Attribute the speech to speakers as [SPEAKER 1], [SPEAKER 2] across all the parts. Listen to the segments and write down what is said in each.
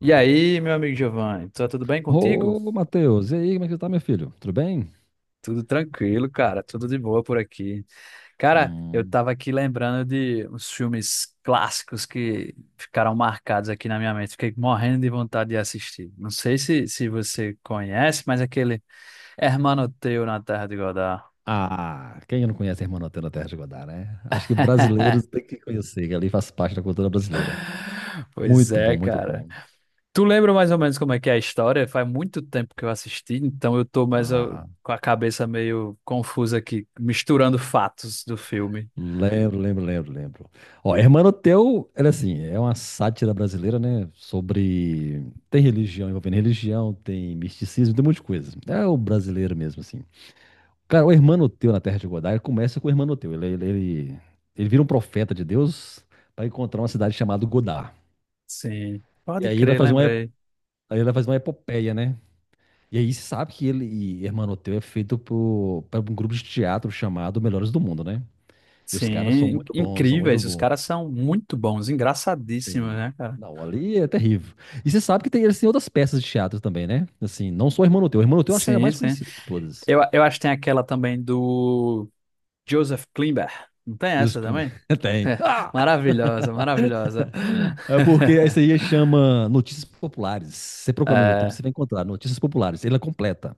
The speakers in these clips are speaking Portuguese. [SPEAKER 1] E aí, meu amigo Giovanni, tá tudo bem contigo?
[SPEAKER 2] Ô, Matheus, e aí, como é que você tá, meu filho? Tudo bem?
[SPEAKER 1] Tudo tranquilo, cara, tudo de boa por aqui. Cara, eu
[SPEAKER 2] Hum.
[SPEAKER 1] tava aqui lembrando de uns filmes clássicos que ficaram marcados aqui na minha mente, fiquei morrendo de vontade de assistir. Não sei se você conhece, mas aquele Hermano Teu na Terra de Godá.
[SPEAKER 2] Ah, quem não conhece a Irmã Nutella Terra de Godá, né? Acho que brasileiros têm que conhecer, que ali faz parte da cultura brasileira.
[SPEAKER 1] Pois
[SPEAKER 2] Muito
[SPEAKER 1] é,
[SPEAKER 2] bom, muito
[SPEAKER 1] cara.
[SPEAKER 2] bom.
[SPEAKER 1] Tu lembra mais ou menos como é que é a história? Faz muito tempo que eu assisti, então eu tô mais ó,
[SPEAKER 2] Ah,
[SPEAKER 1] com a cabeça meio confusa aqui, misturando fatos do filme.
[SPEAKER 2] lembro. Ó, Irmã Nutella, ela é assim, é uma sátira brasileira, né? Sobre... Tem religião, envolvendo religião, tem misticismo, tem um monte de coisa. É o brasileiro mesmo, assim. Cara, o Hermanoteu na Terra de Godá, ele começa com o Hermanoteu. Ele vira um profeta de Deus para encontrar uma cidade chamada Godá.
[SPEAKER 1] Sim,
[SPEAKER 2] E
[SPEAKER 1] pode
[SPEAKER 2] aí ele vai
[SPEAKER 1] crer,
[SPEAKER 2] fazer uma,
[SPEAKER 1] lembrei.
[SPEAKER 2] aí ele vai fazer uma epopeia, né? E aí se sabe que ele e Hermanoteu é feito por um grupo de teatro chamado Melhores do Mundo, né? E os caras são
[SPEAKER 1] Sim,
[SPEAKER 2] muito bons, são muito
[SPEAKER 1] incríveis. Os
[SPEAKER 2] bons.
[SPEAKER 1] caras são muito bons, engraçadíssimos,
[SPEAKER 2] Tem-
[SPEAKER 1] né, cara?
[SPEAKER 2] Não, ali é terrível. E você sabe que tem, eles têm outras peças de teatro também, né? Assim, não só o Hermanoteu. O Hermanoteu eu acho que é a
[SPEAKER 1] Sim,
[SPEAKER 2] mais
[SPEAKER 1] sim.
[SPEAKER 2] conhecida de todas.
[SPEAKER 1] Eu acho que tem aquela também do Joseph Klimber. Não tem
[SPEAKER 2] E os-
[SPEAKER 1] essa também?
[SPEAKER 2] Tem. Ah!
[SPEAKER 1] Maravilhosa, maravilhosa.
[SPEAKER 2] É porque essa aí chama Notícias Populares. Você procura no YouTube,
[SPEAKER 1] É,
[SPEAKER 2] você vai encontrar Notícias Populares. Ela é completa.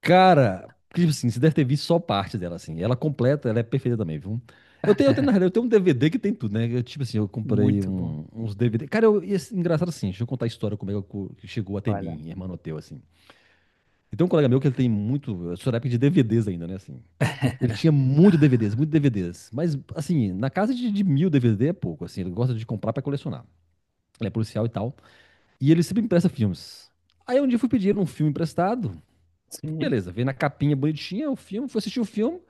[SPEAKER 2] Cara, tipo assim, você deve ter visto só parte dela, assim. Ela completa, ela é perfeita também, viu? Eu tenho, na realidade, eu tenho um DVD que tem tudo, né? Eu, tipo assim,
[SPEAKER 1] muito bom.
[SPEAKER 2] uns DVD. Cara, engraçado assim, deixa eu contar a história como é que que chegou até
[SPEAKER 1] Olha.
[SPEAKER 2] mim, Hermanoteu, assim. Então, um colega meu que ele tem muito. Eu sou da época de DVDs ainda, né? Assim. Ele tinha muito DVDs, muito DVDs. Mas, assim, na casa de mil DVD é pouco, assim. Ele gosta de comprar pra colecionar. Ele é policial e tal. E ele sempre empresta filmes. Aí um dia eu fui pedir um filme emprestado.
[SPEAKER 1] Sim.
[SPEAKER 2] Beleza, veio na capinha bonitinha o filme, fui assistir o filme.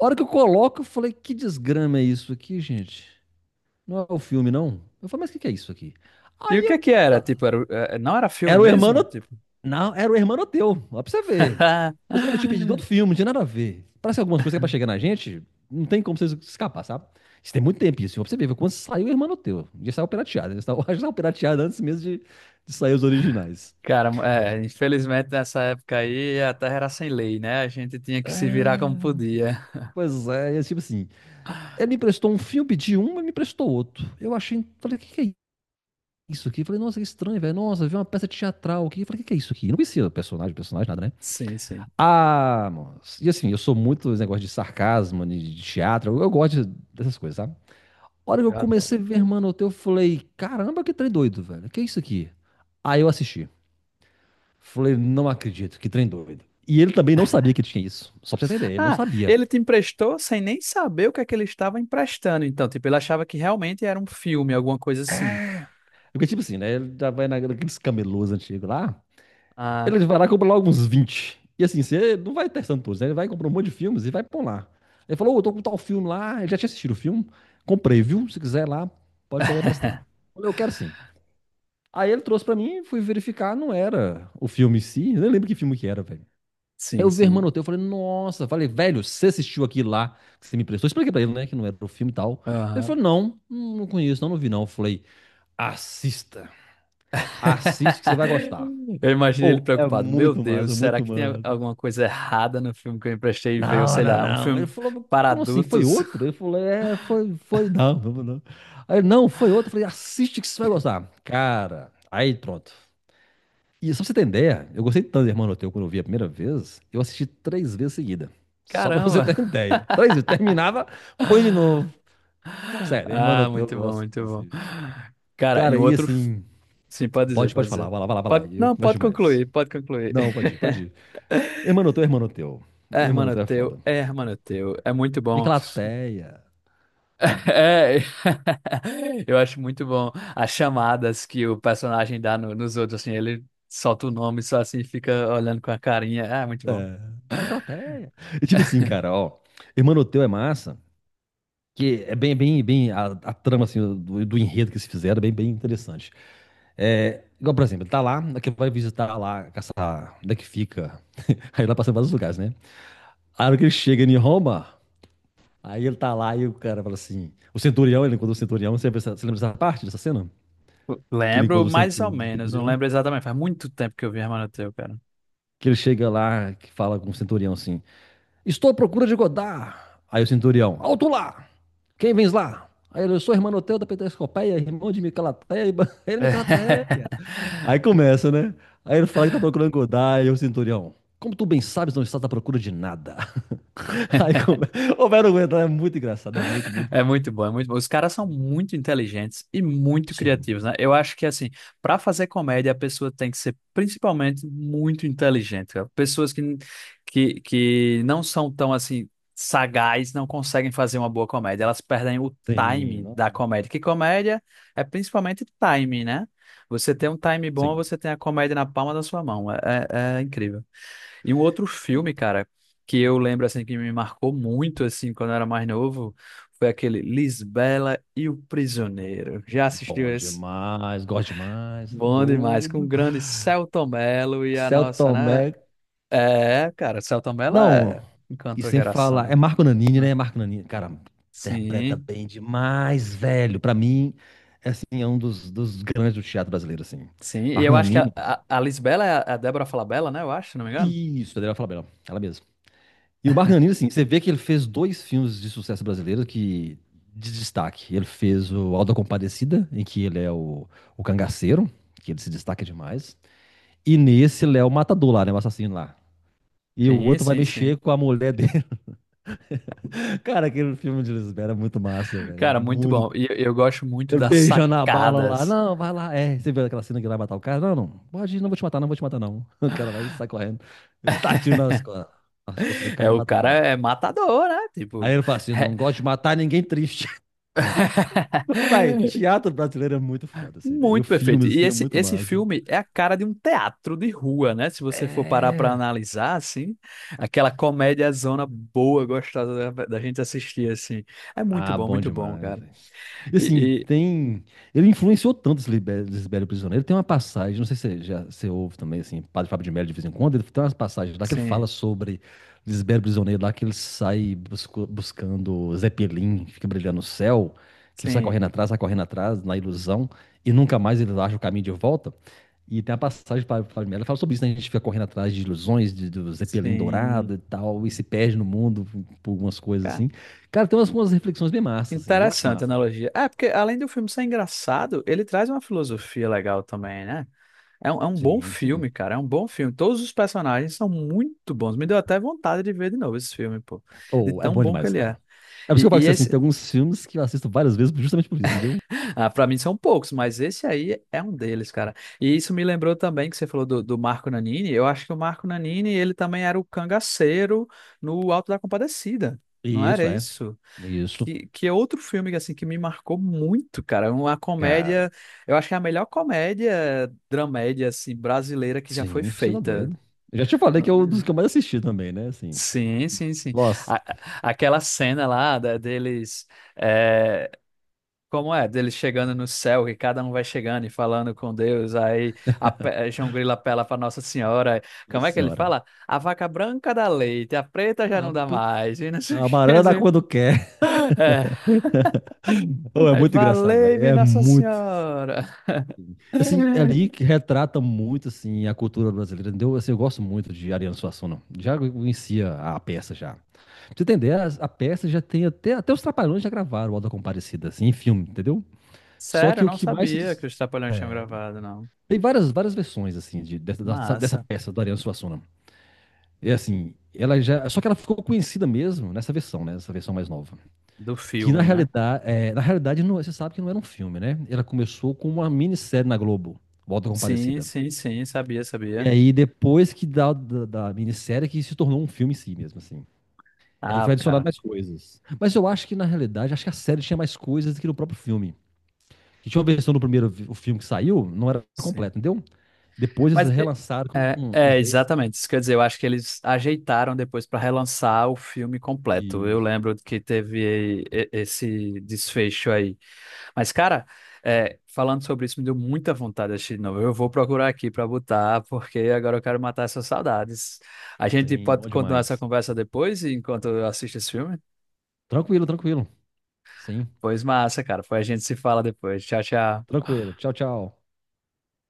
[SPEAKER 2] A hora que eu coloco, eu falei, que desgrama é isso aqui, gente? Não é o filme, não? Eu falei, mas o que que é isso aqui?
[SPEAKER 1] E o
[SPEAKER 2] Aí
[SPEAKER 1] que
[SPEAKER 2] eu.
[SPEAKER 1] é que era?
[SPEAKER 2] "Ah,
[SPEAKER 1] Tipo, era, não era filme
[SPEAKER 2] era o
[SPEAKER 1] mesmo?
[SPEAKER 2] Hermano.
[SPEAKER 1] Tipo.
[SPEAKER 2] Não, era o Hermano teu. Ó, pra você ver. Mas eu te pedi de outro filme, não tinha nada a ver. Parece que algumas coisas que é pra chegar na gente, não tem como você escapar, sabe? Isso tem muito tempo isso. Ó, pra você ver, quando saiu o Hermano teu. Já saiu pirateado. Já saiu pirateado antes mesmo de sair os originais.
[SPEAKER 1] Cara, é, infelizmente nessa época aí a terra era sem lei, né? A gente tinha que se virar como
[SPEAKER 2] É,
[SPEAKER 1] podia.
[SPEAKER 2] pois é, e é tipo assim, ele me emprestou um filme de um e me emprestou outro. Eu achei, falei, o que é isso aqui? Falei, nossa, que estranho, velho. Nossa, vi uma peça teatral aqui. Falei, o que é isso aqui? Não conhecia personagem, personagem, nada, né?
[SPEAKER 1] Sim, sim.
[SPEAKER 2] Ah, moço. E assim, eu sou muito dos negócios de sarcasmo, de teatro. Eu gosto dessas coisas, sabe? A hora que eu
[SPEAKER 1] Eu adoro.
[SPEAKER 2] comecei a ver, mano, o teu, eu falei, caramba, que trem doido, velho. Que é isso aqui? Aí eu assisti. Falei, não acredito, que trem doido. E ele também não sabia que tinha isso. Só pra você entender, ele não
[SPEAKER 1] Ah,
[SPEAKER 2] sabia.
[SPEAKER 1] ele te emprestou sem nem saber o que é que ele estava emprestando. Então, tipo, ele achava que realmente era um filme, alguma coisa assim.
[SPEAKER 2] Porque, tipo assim, né? Ele já vai naqueles camelôs antigos lá. Ele
[SPEAKER 1] Ah,
[SPEAKER 2] vai lá e compra logo uns 20. E assim, você não vai testando todos, né? Ele vai comprar um monte de filmes e vai pôr lá. Ele falou, ô, eu tô com tal filme lá. Ele já tinha assistido o filme. Comprei, viu? Se quiser lá, pode pegar emprestado. Eu falei, eu quero sim. Aí ele trouxe pra mim, fui verificar, não era o filme em si. Eu nem lembro que filme que era, velho. Aí
[SPEAKER 1] sim,
[SPEAKER 2] eu vi
[SPEAKER 1] sim.
[SPEAKER 2] Hermanoteu, eu falei, nossa. Falei, velho, você assistiu aquilo lá que você me emprestou? Eu expliquei pra ele, né, que não era o filme e tal. Ele falou, não, não conheço, não, não vi não. Eu falei, assista. Assiste que você vai gostar.
[SPEAKER 1] Eu imaginei ele
[SPEAKER 2] Ou é
[SPEAKER 1] preocupado. Meu
[SPEAKER 2] muito
[SPEAKER 1] Deus,
[SPEAKER 2] massa,
[SPEAKER 1] será
[SPEAKER 2] muito
[SPEAKER 1] que tem
[SPEAKER 2] massa.
[SPEAKER 1] alguma coisa errada no filme que eu emprestei e veio,
[SPEAKER 2] Não,
[SPEAKER 1] sei
[SPEAKER 2] não,
[SPEAKER 1] lá, um
[SPEAKER 2] não. Ele
[SPEAKER 1] filme
[SPEAKER 2] falou, "Mas
[SPEAKER 1] para
[SPEAKER 2] como assim? Foi
[SPEAKER 1] adultos?
[SPEAKER 2] outro? Eu falei, é, foi, foi, não, não, não. Aí, ele, não, foi outro. Eu falei, assiste que você vai gostar. Cara, aí pronto. E só pra você ter ideia, eu gostei tanto do Hermano Teu quando eu vi a primeira vez, eu assisti três vezes seguida. Só pra você
[SPEAKER 1] Caramba!
[SPEAKER 2] ter ideia. Três vezes. Terminava, põe de novo. Sério, Hermano
[SPEAKER 1] Ah,
[SPEAKER 2] Teu, eu
[SPEAKER 1] muito bom,
[SPEAKER 2] gosto
[SPEAKER 1] muito
[SPEAKER 2] desse
[SPEAKER 1] bom.
[SPEAKER 2] filme.
[SPEAKER 1] Cara, em
[SPEAKER 2] Cara, e
[SPEAKER 1] outro.
[SPEAKER 2] assim,
[SPEAKER 1] Sim, pode dizer,
[SPEAKER 2] pode,
[SPEAKER 1] pode
[SPEAKER 2] pode falar,
[SPEAKER 1] dizer.
[SPEAKER 2] vai lá.
[SPEAKER 1] Pode...
[SPEAKER 2] Eu
[SPEAKER 1] Não,
[SPEAKER 2] começo
[SPEAKER 1] pode
[SPEAKER 2] demais.
[SPEAKER 1] concluir, pode concluir.
[SPEAKER 2] Não, pode ir. Hermano Teu, Hermano Teu.
[SPEAKER 1] É,
[SPEAKER 2] Hermano
[SPEAKER 1] hermano
[SPEAKER 2] Teu é foda.
[SPEAKER 1] teu, é, hermano teu. É muito bom.
[SPEAKER 2] Miclateia.
[SPEAKER 1] É. Eu acho muito bom as chamadas que o personagem dá nos outros, assim, ele solta o nome só assim, fica olhando com a carinha. Ah, muito bom.
[SPEAKER 2] É, Miclateia. E tipo assim, cara, ó. Hermanoteu é massa, que é bem. A trama, assim, do enredo que se fizeram é bem, bem interessante. É, igual, por exemplo, tá lá, que vai visitar lá, essa, onde é que fica. Aí lá passa vários lugares, né? A hora que ele chega em Roma, aí ele tá lá e o cara fala assim. O centurião, ele encontra o centurião. Você lembra, você lembra dessa parte dessa cena? Que ele
[SPEAKER 1] Lembro
[SPEAKER 2] encontra o
[SPEAKER 1] mais ou
[SPEAKER 2] do
[SPEAKER 1] menos, não
[SPEAKER 2] centurião?
[SPEAKER 1] lembro exatamente. Faz muito tempo que eu vi Hermano Teu, cara.
[SPEAKER 2] Que ele chega lá, que fala com o centurião assim. Estou à procura de Godard. Aí o centurião, alto lá! Quem vens lá? Aí ele, eu sou irmão Hermanoteu da Peterscopeia, irmão de Micalateia, ele Micalateia. Aí começa, né? Aí ele fala que tá procurando Godard, e o centurião, como tu bem sabes, não estás à procura de nada. Aí começa, o velho aguenta, é muito engraçado, é muito, muito...
[SPEAKER 1] É, muito bom, é muito bom. Os caras são muito inteligentes e muito criativos,
[SPEAKER 2] Sim,
[SPEAKER 1] né? Eu acho que, assim, para fazer comédia, a pessoa tem que ser principalmente muito inteligente. Cara. Pessoas que não são tão, assim, sagaz, não conseguem fazer uma boa comédia. Elas perdem o
[SPEAKER 2] sim,
[SPEAKER 1] time
[SPEAKER 2] não,
[SPEAKER 1] da comédia. Que comédia é principalmente time, né? Você tem um time bom,
[SPEAKER 2] sim.
[SPEAKER 1] você tem a comédia na palma da sua mão. É, é incrível. E um outro filme, cara, que eu lembro assim que me marcou muito assim quando eu era mais novo, foi aquele Lisbela e o Prisioneiro. Já assistiu
[SPEAKER 2] Bom
[SPEAKER 1] esse?
[SPEAKER 2] demais, gosto demais, tá
[SPEAKER 1] Bom demais, com o
[SPEAKER 2] doido.
[SPEAKER 1] grande Selton Mello e a
[SPEAKER 2] Celto
[SPEAKER 1] nossa,
[SPEAKER 2] Tomé,
[SPEAKER 1] né? É, cara, Selton Mello
[SPEAKER 2] não,
[SPEAKER 1] é...
[SPEAKER 2] e
[SPEAKER 1] encantou
[SPEAKER 2] sem falar,
[SPEAKER 1] gerações,
[SPEAKER 2] é Marco Nanini,
[SPEAKER 1] né?
[SPEAKER 2] né? Marco Nanini, cara, interpreta
[SPEAKER 1] Sim,
[SPEAKER 2] bem demais, velho. Pra mim, é, assim, é um dos grandes do teatro brasileiro, assim.
[SPEAKER 1] sim. E
[SPEAKER 2] Marco
[SPEAKER 1] eu acho que a,
[SPEAKER 2] Nanini,
[SPEAKER 1] a, a Lisbela é é a Débora Falabella, né? Eu acho, se não me engano.
[SPEAKER 2] isso, a Adriana Falabella, ela mesma. E o Marco Nanini, assim, você vê que ele fez dois filmes de sucesso brasileiro que de destaque. Ele fez o Auto da Compadecida, em que o cangaceiro, que ele se destaca demais. E nesse, ele é o matador lá, né? O assassino lá. E o
[SPEAKER 1] Sim,
[SPEAKER 2] outro vai
[SPEAKER 1] sim,
[SPEAKER 2] mexer
[SPEAKER 1] sim.
[SPEAKER 2] com a mulher dele. Cara, aquele filme de Lisbela é muito massa, velho.
[SPEAKER 1] Cara, muito bom.
[SPEAKER 2] Muito
[SPEAKER 1] E eu gosto muito
[SPEAKER 2] eu
[SPEAKER 1] das
[SPEAKER 2] beijando a bala lá.
[SPEAKER 1] sacadas.
[SPEAKER 2] Não, vai lá. É, você viu aquela cena que ele vai matar o cara? Não, não. Pode ir, não vou te matar, não. O cara vai e sai correndo. Ele tá tiro nas costas do
[SPEAKER 1] É,
[SPEAKER 2] cara e
[SPEAKER 1] o
[SPEAKER 2] mata o
[SPEAKER 1] cara
[SPEAKER 2] cara.
[SPEAKER 1] é matador, né?
[SPEAKER 2] Aí
[SPEAKER 1] Tipo,
[SPEAKER 2] ele fala assim:
[SPEAKER 1] re-
[SPEAKER 2] não gosto de matar ninguém triste. Vai, teatro brasileiro é muito foda, assim, velho. E o
[SPEAKER 1] Muito perfeito.
[SPEAKER 2] filme,
[SPEAKER 1] E
[SPEAKER 2] assim, é muito
[SPEAKER 1] esse
[SPEAKER 2] massa.
[SPEAKER 1] filme é a cara de um teatro de rua, né? Se você for parar para
[SPEAKER 2] É.
[SPEAKER 1] analisar, assim, aquela comédia zona boa, gostosa da gente assistir, assim. É
[SPEAKER 2] Ah, bom
[SPEAKER 1] muito bom,
[SPEAKER 2] demais,
[SPEAKER 1] cara.
[SPEAKER 2] velho. E assim,
[SPEAKER 1] E, e-
[SPEAKER 2] tem. Ele influenciou tanto esse Libério Prisioneiro. Tem uma passagem, não sei se você já você ouve também, assim, Padre Fábio de Melo de vez em quando, ele tem umas passagens lá que ele
[SPEAKER 1] sim,
[SPEAKER 2] fala sobre Lisbelo Prisioneiro, lá que ele sai buscando Zeppelin, que fica brilhando no céu, que ele
[SPEAKER 1] sim,
[SPEAKER 2] sai correndo atrás, na ilusão, e nunca mais ele acha o caminho de volta. E tem a passagem para Fábio de Melo, ele fala sobre isso, né? A gente fica correndo atrás de ilusões, do Zeppelin
[SPEAKER 1] sim.
[SPEAKER 2] dourado e tal, e se perde no mundo por umas coisas
[SPEAKER 1] Cara,
[SPEAKER 2] assim. Cara, tem umas, umas reflexões bem massas, assim, eu acho
[SPEAKER 1] interessante a
[SPEAKER 2] massa.
[SPEAKER 1] analogia. É, porque além do filme ser engraçado, ele traz uma filosofia legal também, né? É um bom
[SPEAKER 2] Sim,
[SPEAKER 1] filme,
[SPEAKER 2] sim.
[SPEAKER 1] cara. É um bom filme. Todos os personagens são muito bons. Me deu até vontade de ver de novo esse filme, pô. De
[SPEAKER 2] Ou é
[SPEAKER 1] tão
[SPEAKER 2] bom
[SPEAKER 1] bom que
[SPEAKER 2] demais,
[SPEAKER 1] ele
[SPEAKER 2] cara.
[SPEAKER 1] é.
[SPEAKER 2] É por isso que eu falo que assim,
[SPEAKER 1] Esse,
[SPEAKER 2] tem alguns filmes que eu assisto várias vezes justamente por isso, entendeu?
[SPEAKER 1] ah, pra mim são poucos, mas esse aí é um deles, cara. E isso me lembrou também que você falou do Marco Nanini. Eu acho que o Marco Nanini, ele também era o cangaceiro no Alto da Compadecida. Não era
[SPEAKER 2] Isso, é.
[SPEAKER 1] isso?
[SPEAKER 2] Isso.
[SPEAKER 1] Que é outro filme assim que me marcou muito, cara. É uma comédia,
[SPEAKER 2] Cara,
[SPEAKER 1] eu acho que é a melhor comédia dramédia assim brasileira que já foi
[SPEAKER 2] sim, você tá
[SPEAKER 1] feita.
[SPEAKER 2] doido. Eu já te falei que é um dos que eu mais assisti também, né? Assim,
[SPEAKER 1] Sim, sim, sim.
[SPEAKER 2] nossa,
[SPEAKER 1] Aquela cena lá deles, é, como é? Deles chegando no céu, que cada um vai chegando e falando com Deus. Aí João Grilo apela para Nossa Senhora. Como
[SPEAKER 2] nossa
[SPEAKER 1] é que ele
[SPEAKER 2] senhora.
[SPEAKER 1] fala? A vaca branca dá leite, a preta já
[SPEAKER 2] A,
[SPEAKER 1] não dá
[SPEAKER 2] put-
[SPEAKER 1] mais. E não sei o
[SPEAKER 2] a
[SPEAKER 1] que. Quer
[SPEAKER 2] banana dá
[SPEAKER 1] dizer.
[SPEAKER 2] quando quer.
[SPEAKER 1] É,
[SPEAKER 2] Ô, é
[SPEAKER 1] aí
[SPEAKER 2] muito engraçado, velho.
[SPEAKER 1] valei-me
[SPEAKER 2] É
[SPEAKER 1] Nossa
[SPEAKER 2] muito.
[SPEAKER 1] Senhora.
[SPEAKER 2] Assim, é ali que retrata muito, assim, a cultura brasileira, entendeu? Assim, eu gosto muito de Ariano Suassuna. Já conhecia a peça, já. Pra você entender, a peça já tem até... Até os Trapalhões já gravaram o Auto da Compadecida, assim, em filme, entendeu? Só
[SPEAKER 1] Sério, eu
[SPEAKER 2] que o
[SPEAKER 1] não
[SPEAKER 2] que mais se...
[SPEAKER 1] sabia que
[SPEAKER 2] dis-
[SPEAKER 1] os Trapalhões tinham gravado, não.
[SPEAKER 2] tem várias, várias versões, assim, dessa dessa
[SPEAKER 1] Massa.
[SPEAKER 2] peça do Ariano Suassuna. É assim, ela já... Só que ela ficou conhecida mesmo nessa versão, né? Nessa versão mais nova.
[SPEAKER 1] Do
[SPEAKER 2] Que, na
[SPEAKER 1] filme, né?
[SPEAKER 2] realidade, é, na realidade não, você sabe que não era um filme, né? Ela começou com uma minissérie na Globo, o Auto da
[SPEAKER 1] Sim,
[SPEAKER 2] Compadecida.
[SPEAKER 1] sim, sim, sabia,
[SPEAKER 2] E
[SPEAKER 1] sabia.
[SPEAKER 2] aí, depois que da minissérie, que se tornou um filme em si mesmo, assim. E aí
[SPEAKER 1] Ah,
[SPEAKER 2] foi adicionado
[SPEAKER 1] cara.
[SPEAKER 2] mais coisas. Mas eu acho que, na realidade, acho que a série tinha mais coisas do que no próprio filme. Que tinha uma versão do o filme que saiu, não era
[SPEAKER 1] Sim.
[SPEAKER 2] completo, entendeu? Depois
[SPEAKER 1] Mas
[SPEAKER 2] eles
[SPEAKER 1] é,
[SPEAKER 2] relançaram
[SPEAKER 1] é,
[SPEAKER 2] com
[SPEAKER 1] é,
[SPEAKER 2] uns extras.
[SPEAKER 1] exatamente isso. Quer dizer, eu acho que eles ajeitaram depois para relançar o filme completo. Eu
[SPEAKER 2] e-
[SPEAKER 1] lembro que teve esse desfecho aí. Mas, cara, é, falando sobre isso, me deu muita vontade de assistir de novo. Eu vou procurar aqui para botar, porque agora eu quero matar essas saudades. A gente
[SPEAKER 2] Sim,
[SPEAKER 1] pode
[SPEAKER 2] bom
[SPEAKER 1] continuar essa
[SPEAKER 2] demais.
[SPEAKER 1] conversa depois, enquanto eu assisto esse filme?
[SPEAKER 2] Tranquilo, tranquilo. Sim,
[SPEAKER 1] Pois massa, cara. Foi a gente se fala depois. Tchau, tchau.
[SPEAKER 2] tranquilo. Tchau, tchau.